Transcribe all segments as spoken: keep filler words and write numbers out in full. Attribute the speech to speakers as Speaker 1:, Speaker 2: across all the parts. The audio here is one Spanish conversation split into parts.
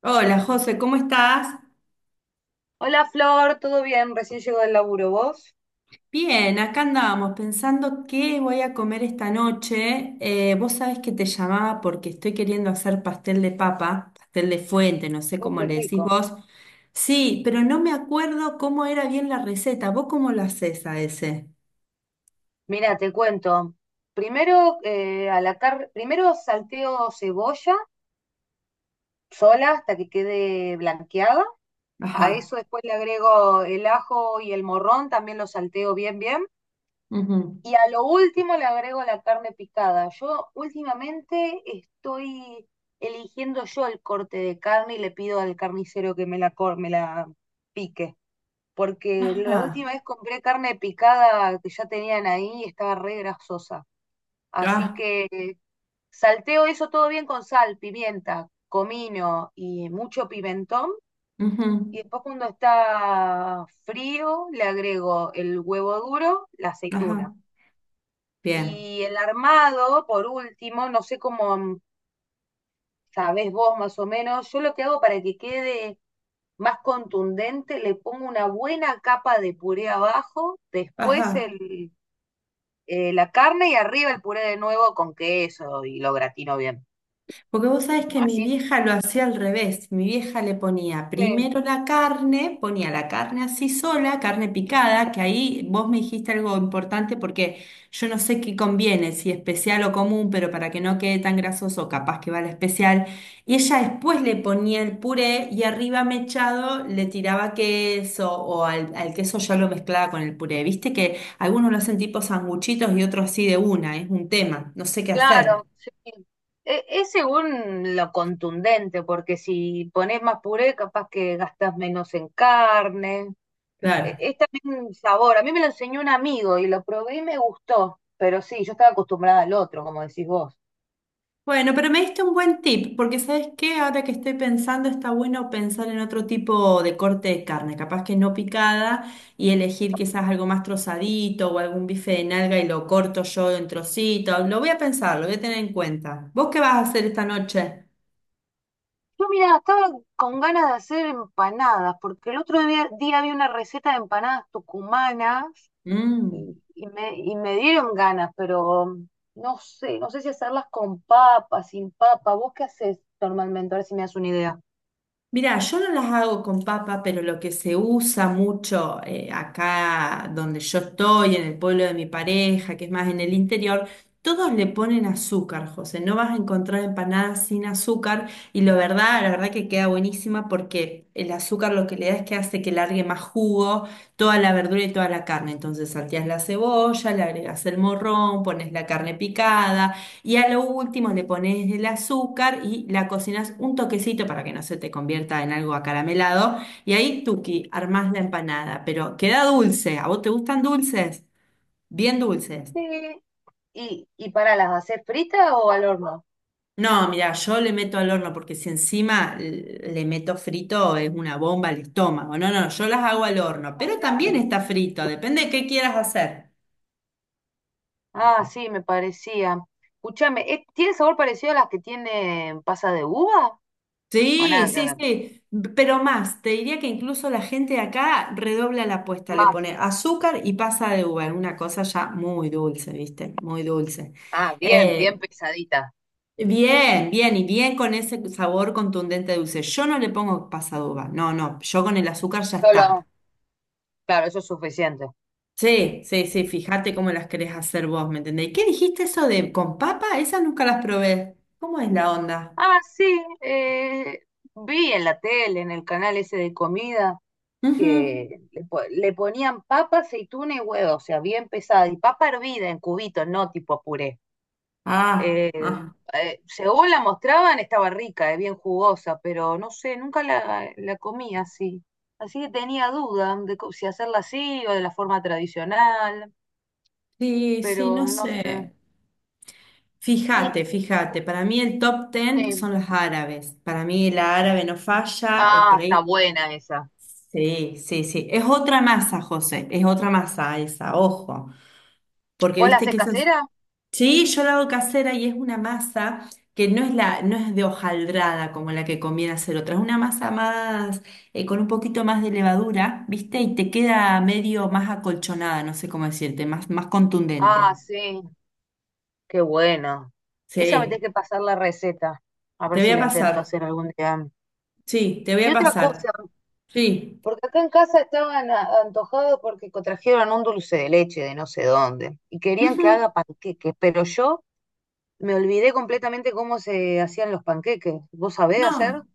Speaker 1: Hola José, ¿cómo estás?
Speaker 2: Hola Flor, ¿todo bien? Recién llego del laburo, ¿vos?
Speaker 1: Bien, acá andábamos pensando qué voy a comer esta noche. Eh, vos sabés que te llamaba porque estoy queriendo hacer pastel de papa, pastel de fuente, no sé
Speaker 2: Uh,
Speaker 1: cómo
Speaker 2: qué
Speaker 1: le decís
Speaker 2: rico.
Speaker 1: vos. Sí, pero no me acuerdo cómo era bien la receta. ¿Vos cómo lo hacés a ese?
Speaker 2: Mira, te cuento. Primero, eh, a la car- primero salteo cebolla sola hasta que quede blanqueada. A
Speaker 1: Ajá.
Speaker 2: eso después le agrego el ajo y el morrón, también lo salteo bien, bien.
Speaker 1: Ujú.
Speaker 2: Y a lo último le agrego la carne picada. Yo últimamente estoy eligiendo yo el corte de carne y le pido al carnicero que me la, cor- me la pique. Porque la
Speaker 1: Ajá.
Speaker 2: última vez compré carne picada que ya tenían ahí y estaba re grasosa. Así
Speaker 1: Ah.
Speaker 2: que salteo eso todo bien con sal, pimienta, comino y mucho pimentón.
Speaker 1: Ujú.
Speaker 2: Y después cuando está frío le agrego el huevo duro, la aceituna.
Speaker 1: Ajá. Bien.
Speaker 2: Y el armado, por último, no sé cómo sabés vos más o menos, yo lo que hago para que quede más contundente, le pongo una buena capa de puré abajo, después
Speaker 1: Ajá.
Speaker 2: el, eh, la carne y arriba el puré de nuevo con queso y lo gratino bien.
Speaker 1: Porque vos sabés que mi
Speaker 2: Así,
Speaker 1: vieja lo hacía al revés. Mi vieja le ponía
Speaker 2: sí,
Speaker 1: primero la carne, ponía la carne así sola, carne picada, que ahí vos me dijiste algo importante porque yo no sé qué conviene, si especial o común, pero para que no quede tan grasoso, capaz que va la especial. Y ella después le ponía el puré y arriba mechado le tiraba queso o al, al queso ya lo mezclaba con el puré. Viste que algunos lo hacen tipo sanguchitos y otros así de una, es un tema, no sé qué hacer.
Speaker 2: claro, sí. E- es según lo contundente, porque si pones más puré, capaz que gastas menos en carne. E-
Speaker 1: Claro.
Speaker 2: Es también un sabor. A mí me lo enseñó un amigo y lo probé y me gustó, pero sí, yo estaba acostumbrada al otro, como decís vos.
Speaker 1: Bueno, pero me diste un buen tip, porque ¿sabes qué? Ahora que estoy pensando, está bueno pensar en otro tipo de corte de carne, capaz que no picada, y elegir quizás algo más trozadito o algún bife de nalga y lo corto yo en trocitos. Lo voy a pensar, lo voy a tener en cuenta. ¿Vos qué vas a hacer esta noche?
Speaker 2: Yo, mira, estaba con ganas de hacer empanadas, porque el otro día, día vi una receta de empanadas tucumanas
Speaker 1: Mm.
Speaker 2: y, y me, y me dieron ganas, pero mm, no sé, no sé si hacerlas con papa, sin papa. ¿Vos qué haces normalmente? A ver si me das una idea.
Speaker 1: Mira, yo no las hago con papa, pero lo que se usa mucho eh, acá donde yo estoy, en el pueblo de mi pareja, que es más en el interior, todos le ponen azúcar, José. No vas a encontrar empanadas sin azúcar y la verdad, la verdad que queda buenísima porque el azúcar lo que le da es que hace que largue más jugo toda la verdura y toda la carne. Entonces salteás la cebolla, le agregas el morrón, pones la carne picada. Y a lo último le pones el azúcar y la cocinas un toquecito para que no se te convierta en algo acaramelado. Y ahí, tuki, armás la empanada, pero queda dulce. ¿A vos te gustan dulces? Bien dulces.
Speaker 2: Sí, ¿y, y para las hacer fritas o al horno?
Speaker 1: No, mira, yo le meto al horno porque si encima l- le meto frito es una bomba al estómago. No, no, yo las hago al horno,
Speaker 2: Ah,
Speaker 1: pero también
Speaker 2: claro.
Speaker 1: está frito, depende de qué quieras hacer.
Speaker 2: Ah, sí, me parecía. Escúchame, ¿eh, ¿tiene sabor parecido a las que tienen pasa de uva? O
Speaker 1: Sí,
Speaker 2: nada que
Speaker 1: sí,
Speaker 2: ver.
Speaker 1: sí, pero más, te diría que incluso la gente de acá redobla la apuesta, le
Speaker 2: Más.
Speaker 1: pone azúcar y pasa de uva, una cosa ya muy dulce, ¿viste? Muy dulce.
Speaker 2: Ah, bien,
Speaker 1: Eh,
Speaker 2: bien pesadita.
Speaker 1: Bien, bien, y bien con ese sabor contundente de dulce. Yo no le pongo pasa de uva, no, no, yo con el azúcar ya está.
Speaker 2: Solo. Claro, eso es suficiente.
Speaker 1: Sí, sí, sí, fíjate cómo las querés hacer vos, ¿me entendés? ¿Qué dijiste eso de con papa? Esas nunca las probé. ¿Cómo es la onda?
Speaker 2: Ah, sí, eh, vi en la tele, en el canal ese de comida,
Speaker 1: Ujú.
Speaker 2: que le, po- le ponían papa, aceituna y huevo, o sea, bien pesada, y papa hervida en cubitos, no tipo puré.
Speaker 1: Ah,
Speaker 2: Eh,
Speaker 1: ah,
Speaker 2: eh, según la mostraban, estaba rica, eh, bien jugosa, pero no sé, nunca la, la comí así. Así que tenía duda de co- si hacerla así o de la forma tradicional,
Speaker 1: sí, sí,
Speaker 2: pero
Speaker 1: no
Speaker 2: no sé.
Speaker 1: sé.
Speaker 2: Y,
Speaker 1: Fíjate, fíjate, para mí el top ten
Speaker 2: eh,
Speaker 1: son los árabes. Para mí la árabe no falla, eh,
Speaker 2: ah,
Speaker 1: por ahí.
Speaker 2: está buena esa.
Speaker 1: Sí, sí, sí. Es otra masa, José, es otra masa esa, ojo. Porque
Speaker 2: ¿Vos la
Speaker 1: viste
Speaker 2: haces
Speaker 1: que esas.
Speaker 2: casera?
Speaker 1: Sí, yo la hago casera y es una masa que no es la, no es de hojaldrada como la que conviene hacer otra. Es una masa más, eh, con un poquito más de levadura, ¿viste? Y te queda medio más acolchonada, no sé cómo decirte, más, más contundente.
Speaker 2: Ah, sí, qué bueno. Esa me tiene
Speaker 1: Sí,
Speaker 2: que pasar la receta. A
Speaker 1: te
Speaker 2: ver
Speaker 1: voy
Speaker 2: si
Speaker 1: a
Speaker 2: la intento
Speaker 1: pasar.
Speaker 2: hacer algún día.
Speaker 1: Sí, te voy
Speaker 2: Y
Speaker 1: a
Speaker 2: otra
Speaker 1: pasar.
Speaker 2: cosa,
Speaker 1: Sí.
Speaker 2: porque acá en casa estaban a- antojados porque co- trajeron un dulce de leche de no sé dónde y querían que
Speaker 1: Ujú.
Speaker 2: haga panqueques, pero yo me olvidé completamente cómo se hacían los panqueques. ¿Vos sabés hacer?
Speaker 1: No,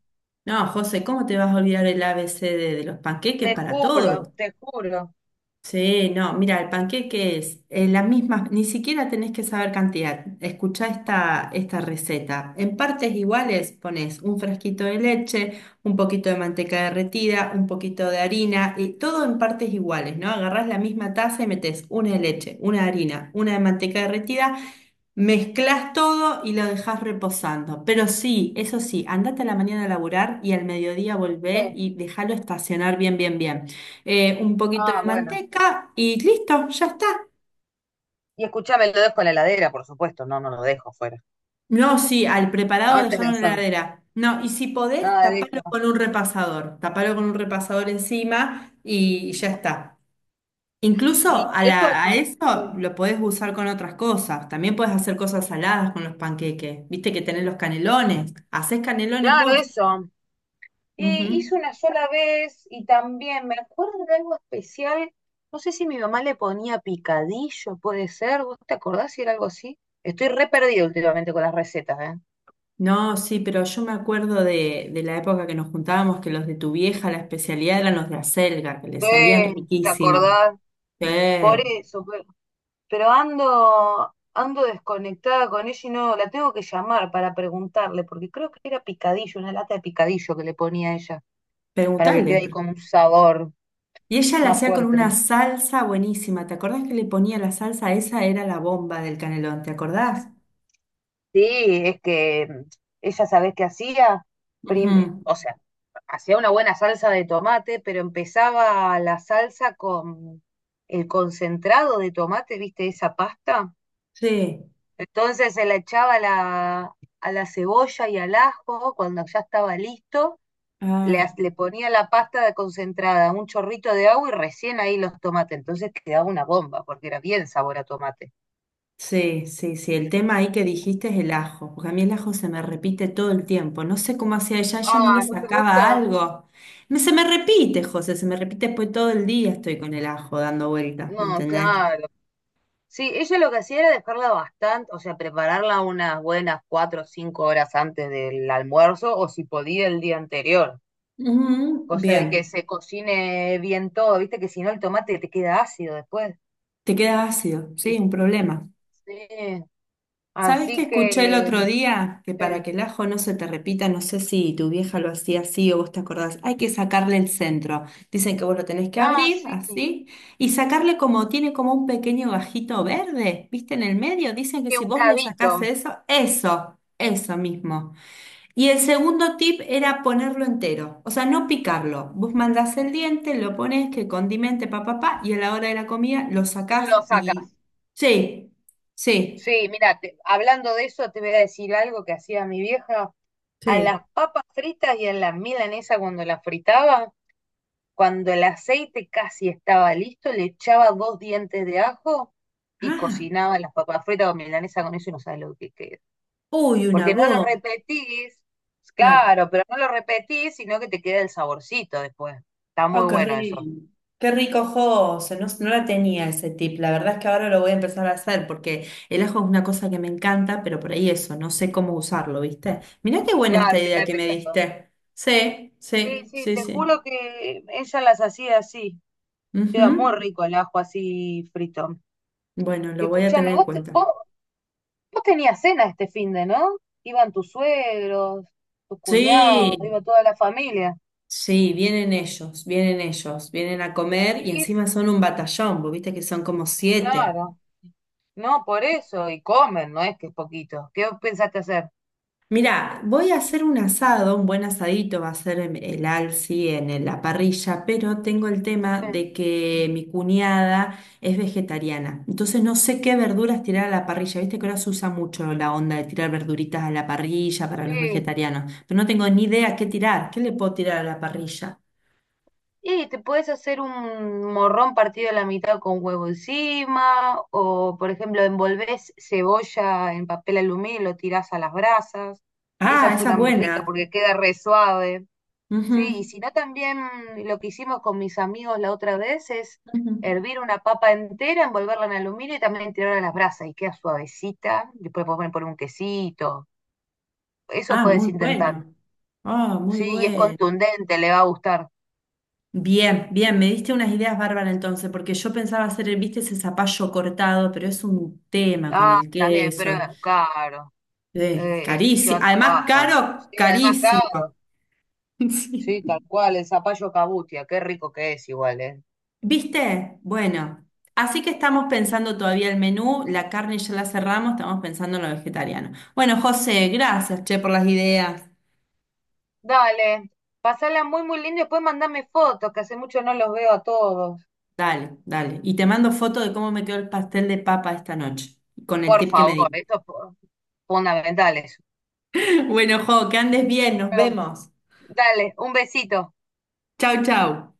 Speaker 1: no, José, ¿cómo te vas a olvidar el A ABC de, de los panqueques
Speaker 2: Te
Speaker 1: para
Speaker 2: juro,
Speaker 1: todo?
Speaker 2: te juro.
Speaker 1: Sí, no, mira, el panqueque es eh, la misma, ni siquiera tenés que saber cantidad. Escuchá esta, esta receta. En partes iguales pones un frasquito de leche, un poquito de manteca derretida, un poquito de harina, y todo en partes iguales, ¿no? Agarrás la misma taza y metes una de leche, una de harina, una de manteca derretida. Mezclas todo y lo dejas reposando. Pero sí, eso sí, andate a la mañana a laburar y al mediodía
Speaker 2: Sí.
Speaker 1: volvé y déjalo estacionar bien, bien, bien. Eh, un poquito
Speaker 2: Ah,
Speaker 1: de
Speaker 2: bueno.
Speaker 1: manteca y listo, ya está.
Speaker 2: Y escuchame, lo dejo en la heladera, por supuesto. No, no lo dejo afuera.
Speaker 1: No, sí, al preparado
Speaker 2: Antes de
Speaker 1: dejaron en la
Speaker 2: hacerlo.
Speaker 1: heladera. No, y si podés,
Speaker 2: Ah,
Speaker 1: tapalo
Speaker 2: listo.
Speaker 1: con un repasador. Tapalo con un repasador encima y ya está. Incluso
Speaker 2: Y
Speaker 1: a,
Speaker 2: y eso.
Speaker 1: la- a
Speaker 2: mm,
Speaker 1: eso
Speaker 2: Sí.
Speaker 1: lo podés usar con otras cosas. También podés hacer cosas saladas con los panqueques. Viste que tenés los canelones. Hacés canelones
Speaker 2: Claro,
Speaker 1: vos.
Speaker 2: eso. Eh,
Speaker 1: Ujú.
Speaker 2: hice una sola vez y también me acuerdo de algo especial. No sé si mi mamá le ponía picadillo, puede ser. ¿Vos te acordás si era algo así? Estoy re perdida últimamente con las recetas, ¿eh?
Speaker 1: No, sí, pero yo me acuerdo de, de la época que nos juntábamos, que los de tu vieja, la especialidad eran los de acelga, que le salían
Speaker 2: Eh, ¿te
Speaker 1: riquísimos.
Speaker 2: acordás? Por
Speaker 1: Eh,
Speaker 2: eso, pe- pero, ando, ando desconectada con ella y no la tengo que llamar para preguntarle, porque creo que era picadillo, una lata de picadillo que le ponía ella, para que
Speaker 1: Preguntale.
Speaker 2: quede ahí
Speaker 1: pre-
Speaker 2: con un sabor
Speaker 1: Y ella la
Speaker 2: más
Speaker 1: hacía con
Speaker 2: fuerte.
Speaker 1: una salsa buenísima. ¿Te acordás que le ponía la salsa? Esa era la bomba del canelón, ¿te acordás?
Speaker 2: Sí, es que mm, ella, ¿sabés qué hacía? Prim-
Speaker 1: Ujú.
Speaker 2: o sea, hacía una buena salsa de tomate, pero empezaba la salsa con el concentrado de tomate, ¿viste? Esa pasta.
Speaker 1: Sí.
Speaker 2: Entonces se la echaba a la, a la cebolla y al ajo, cuando ya estaba listo, le,
Speaker 1: Ah.
Speaker 2: ha- le ponía la pasta de concentrada, un chorrito de agua y recién ahí los tomates. Entonces quedaba una bomba, porque era bien sabor a tomate.
Speaker 1: Sí, sí, sí. El tema ahí que dijiste es el ajo, porque a mí el ajo se me repite todo el tiempo. No sé cómo hacía ella, ella no le
Speaker 2: Ah, ¿no te
Speaker 1: sacaba
Speaker 2: gusta?
Speaker 1: algo. Me- se me repite, José, se me repite después todo el día estoy con el ajo dando vueltas, ¿me
Speaker 2: No,
Speaker 1: entendés?
Speaker 2: claro. Sí, ella lo que hacía era dejarla bastante, o sea, prepararla unas buenas cuatro o cinco horas antes del almuerzo, o si podía el día anterior,
Speaker 1: Ujú.
Speaker 2: cosa de que
Speaker 1: Bien,
Speaker 2: se cocine bien todo, viste que si no el tomate te queda ácido después.
Speaker 1: te queda ácido,
Speaker 2: Y
Speaker 1: sí, un problema.
Speaker 2: sí,
Speaker 1: ¿Sabes qué
Speaker 2: así
Speaker 1: escuché el
Speaker 2: que,
Speaker 1: otro día? Que para
Speaker 2: eh,
Speaker 1: que el ajo no se te repita, no sé si tu vieja lo hacía así o vos te acordás, hay que sacarle el centro. Dicen que vos lo tenés que
Speaker 2: ah,
Speaker 1: abrir
Speaker 2: sí,
Speaker 1: así y sacarle como tiene como un pequeño gajito verde, ¿viste? En el medio. Dicen que
Speaker 2: que
Speaker 1: si
Speaker 2: un
Speaker 1: vos le
Speaker 2: cabito
Speaker 1: sacás eso, eso, eso mismo. Y el segundo tip era ponerlo entero, o sea, no picarlo. Vos mandás el diente, lo pones, que condimente, pa, pa, pa, y a la hora de la comida lo sacás
Speaker 2: lo
Speaker 1: y...
Speaker 2: sacas.
Speaker 1: Sí, sí,
Speaker 2: Sí, mira, te- hablando de eso, te voy a decir algo que hacía mi vieja. A
Speaker 1: sí.
Speaker 2: las papas fritas y a la milanesa cuando las fritaba, cuando el aceite casi estaba listo, le echaba dos dientes de ajo y
Speaker 1: Ah,
Speaker 2: cocinaba las papas fritas con milanesa con eso y no sabes lo que queda.
Speaker 1: uy, una
Speaker 2: Porque no lo
Speaker 1: bomba,
Speaker 2: repetís,
Speaker 1: claro.
Speaker 2: claro, pero no lo repetís, sino que te queda el saborcito después. Está muy
Speaker 1: Oh, qué
Speaker 2: bueno eso.
Speaker 1: rico. Qué rico, José. No, no la tenía ese tip. La verdad es que ahora lo voy a empezar a hacer porque el ajo es una cosa que me encanta, pero por ahí eso, no sé cómo usarlo, ¿viste? Mirá qué buena esta
Speaker 2: Claro, te
Speaker 1: idea
Speaker 2: cae
Speaker 1: que me
Speaker 2: pesado.
Speaker 1: diste. Sí,
Speaker 2: Sí,
Speaker 1: sí,
Speaker 2: sí,
Speaker 1: sí,
Speaker 2: te
Speaker 1: sí.
Speaker 2: juro que ella las hacía así. Queda muy
Speaker 1: Ujú.
Speaker 2: rico el ajo así frito.
Speaker 1: Bueno,
Speaker 2: Y
Speaker 1: lo voy a
Speaker 2: escúchame,
Speaker 1: tener en
Speaker 2: vos, te-
Speaker 1: cuenta.
Speaker 2: vos, vos tenías cena este finde, ¿no? Iban tus suegros, tus cuñados,
Speaker 1: Sí,
Speaker 2: iba toda la familia.
Speaker 1: sí, vienen ellos, vienen ellos, vienen a comer y
Speaker 2: Y
Speaker 1: encima son un batallón, vos viste que son como siete.
Speaker 2: claro, no por eso, y comen, no es que es poquito. ¿Qué pensaste hacer?
Speaker 1: Mirá, voy a hacer un asado, un buen asadito va a ser en- el alci en en la parrilla, pero tengo el tema de que mi cuñada es vegetariana, entonces no sé qué verduras tirar a la parrilla, viste que ahora se usa mucho la onda de tirar verduritas a la parrilla para los
Speaker 2: Sí.
Speaker 1: vegetarianos, pero no tengo ni idea qué tirar, qué le puedo tirar a la parrilla.
Speaker 2: Y te puedes hacer un morrón partido a la mitad con huevo encima, o por ejemplo, envolvés cebolla en papel aluminio y lo tirás a las brasas. Esa
Speaker 1: Ah,
Speaker 2: es
Speaker 1: esa
Speaker 2: una
Speaker 1: es
Speaker 2: muy rica
Speaker 1: buena.
Speaker 2: porque queda re suave. Sí, y
Speaker 1: Ujú,
Speaker 2: si no también lo que hicimos con mis amigos la otra vez es
Speaker 1: ujú.
Speaker 2: hervir una papa entera, envolverla en aluminio y también tirarla a las brasas y queda suavecita. Después podemos poner un quesito. Eso
Speaker 1: Ah,
Speaker 2: puedes
Speaker 1: muy
Speaker 2: intentar.
Speaker 1: bueno. Ah, muy
Speaker 2: Sí, y es
Speaker 1: bueno.
Speaker 2: contundente, le va a gustar.
Speaker 1: Bien, bien, me diste unas ideas bárbaras entonces, porque yo pensaba hacer, viste, ese zapallo cortado, pero es un tema con
Speaker 2: Ah,
Speaker 1: el
Speaker 2: también, pero
Speaker 1: queso,
Speaker 2: es caro. Eh, te
Speaker 1: carísimo,
Speaker 2: lleva
Speaker 1: además
Speaker 2: trabajo. Sí,
Speaker 1: caro,
Speaker 2: además
Speaker 1: carísimo.
Speaker 2: caro.
Speaker 1: Sí.
Speaker 2: Sí, tal cual, el zapallo cabutia, qué rico que es igual, ¿eh?
Speaker 1: ¿Viste? Bueno, así que estamos pensando todavía el menú, la carne ya la cerramos, estamos pensando en lo vegetariano. Bueno, José, gracias, che, por las ideas.
Speaker 2: Dale, pasala muy, muy lindo y después mandame fotos, que hace mucho no los veo a todos.
Speaker 1: Dale, dale. Y te mando foto de cómo me quedó el pastel de papa esta noche, con el
Speaker 2: Por
Speaker 1: tip que me
Speaker 2: favor,
Speaker 1: di.
Speaker 2: esto es fu- fundamental. Eso.
Speaker 1: Bueno, Jo, que andes bien, nos
Speaker 2: Pero,
Speaker 1: vemos.
Speaker 2: dale, un besito.
Speaker 1: Chau, chau.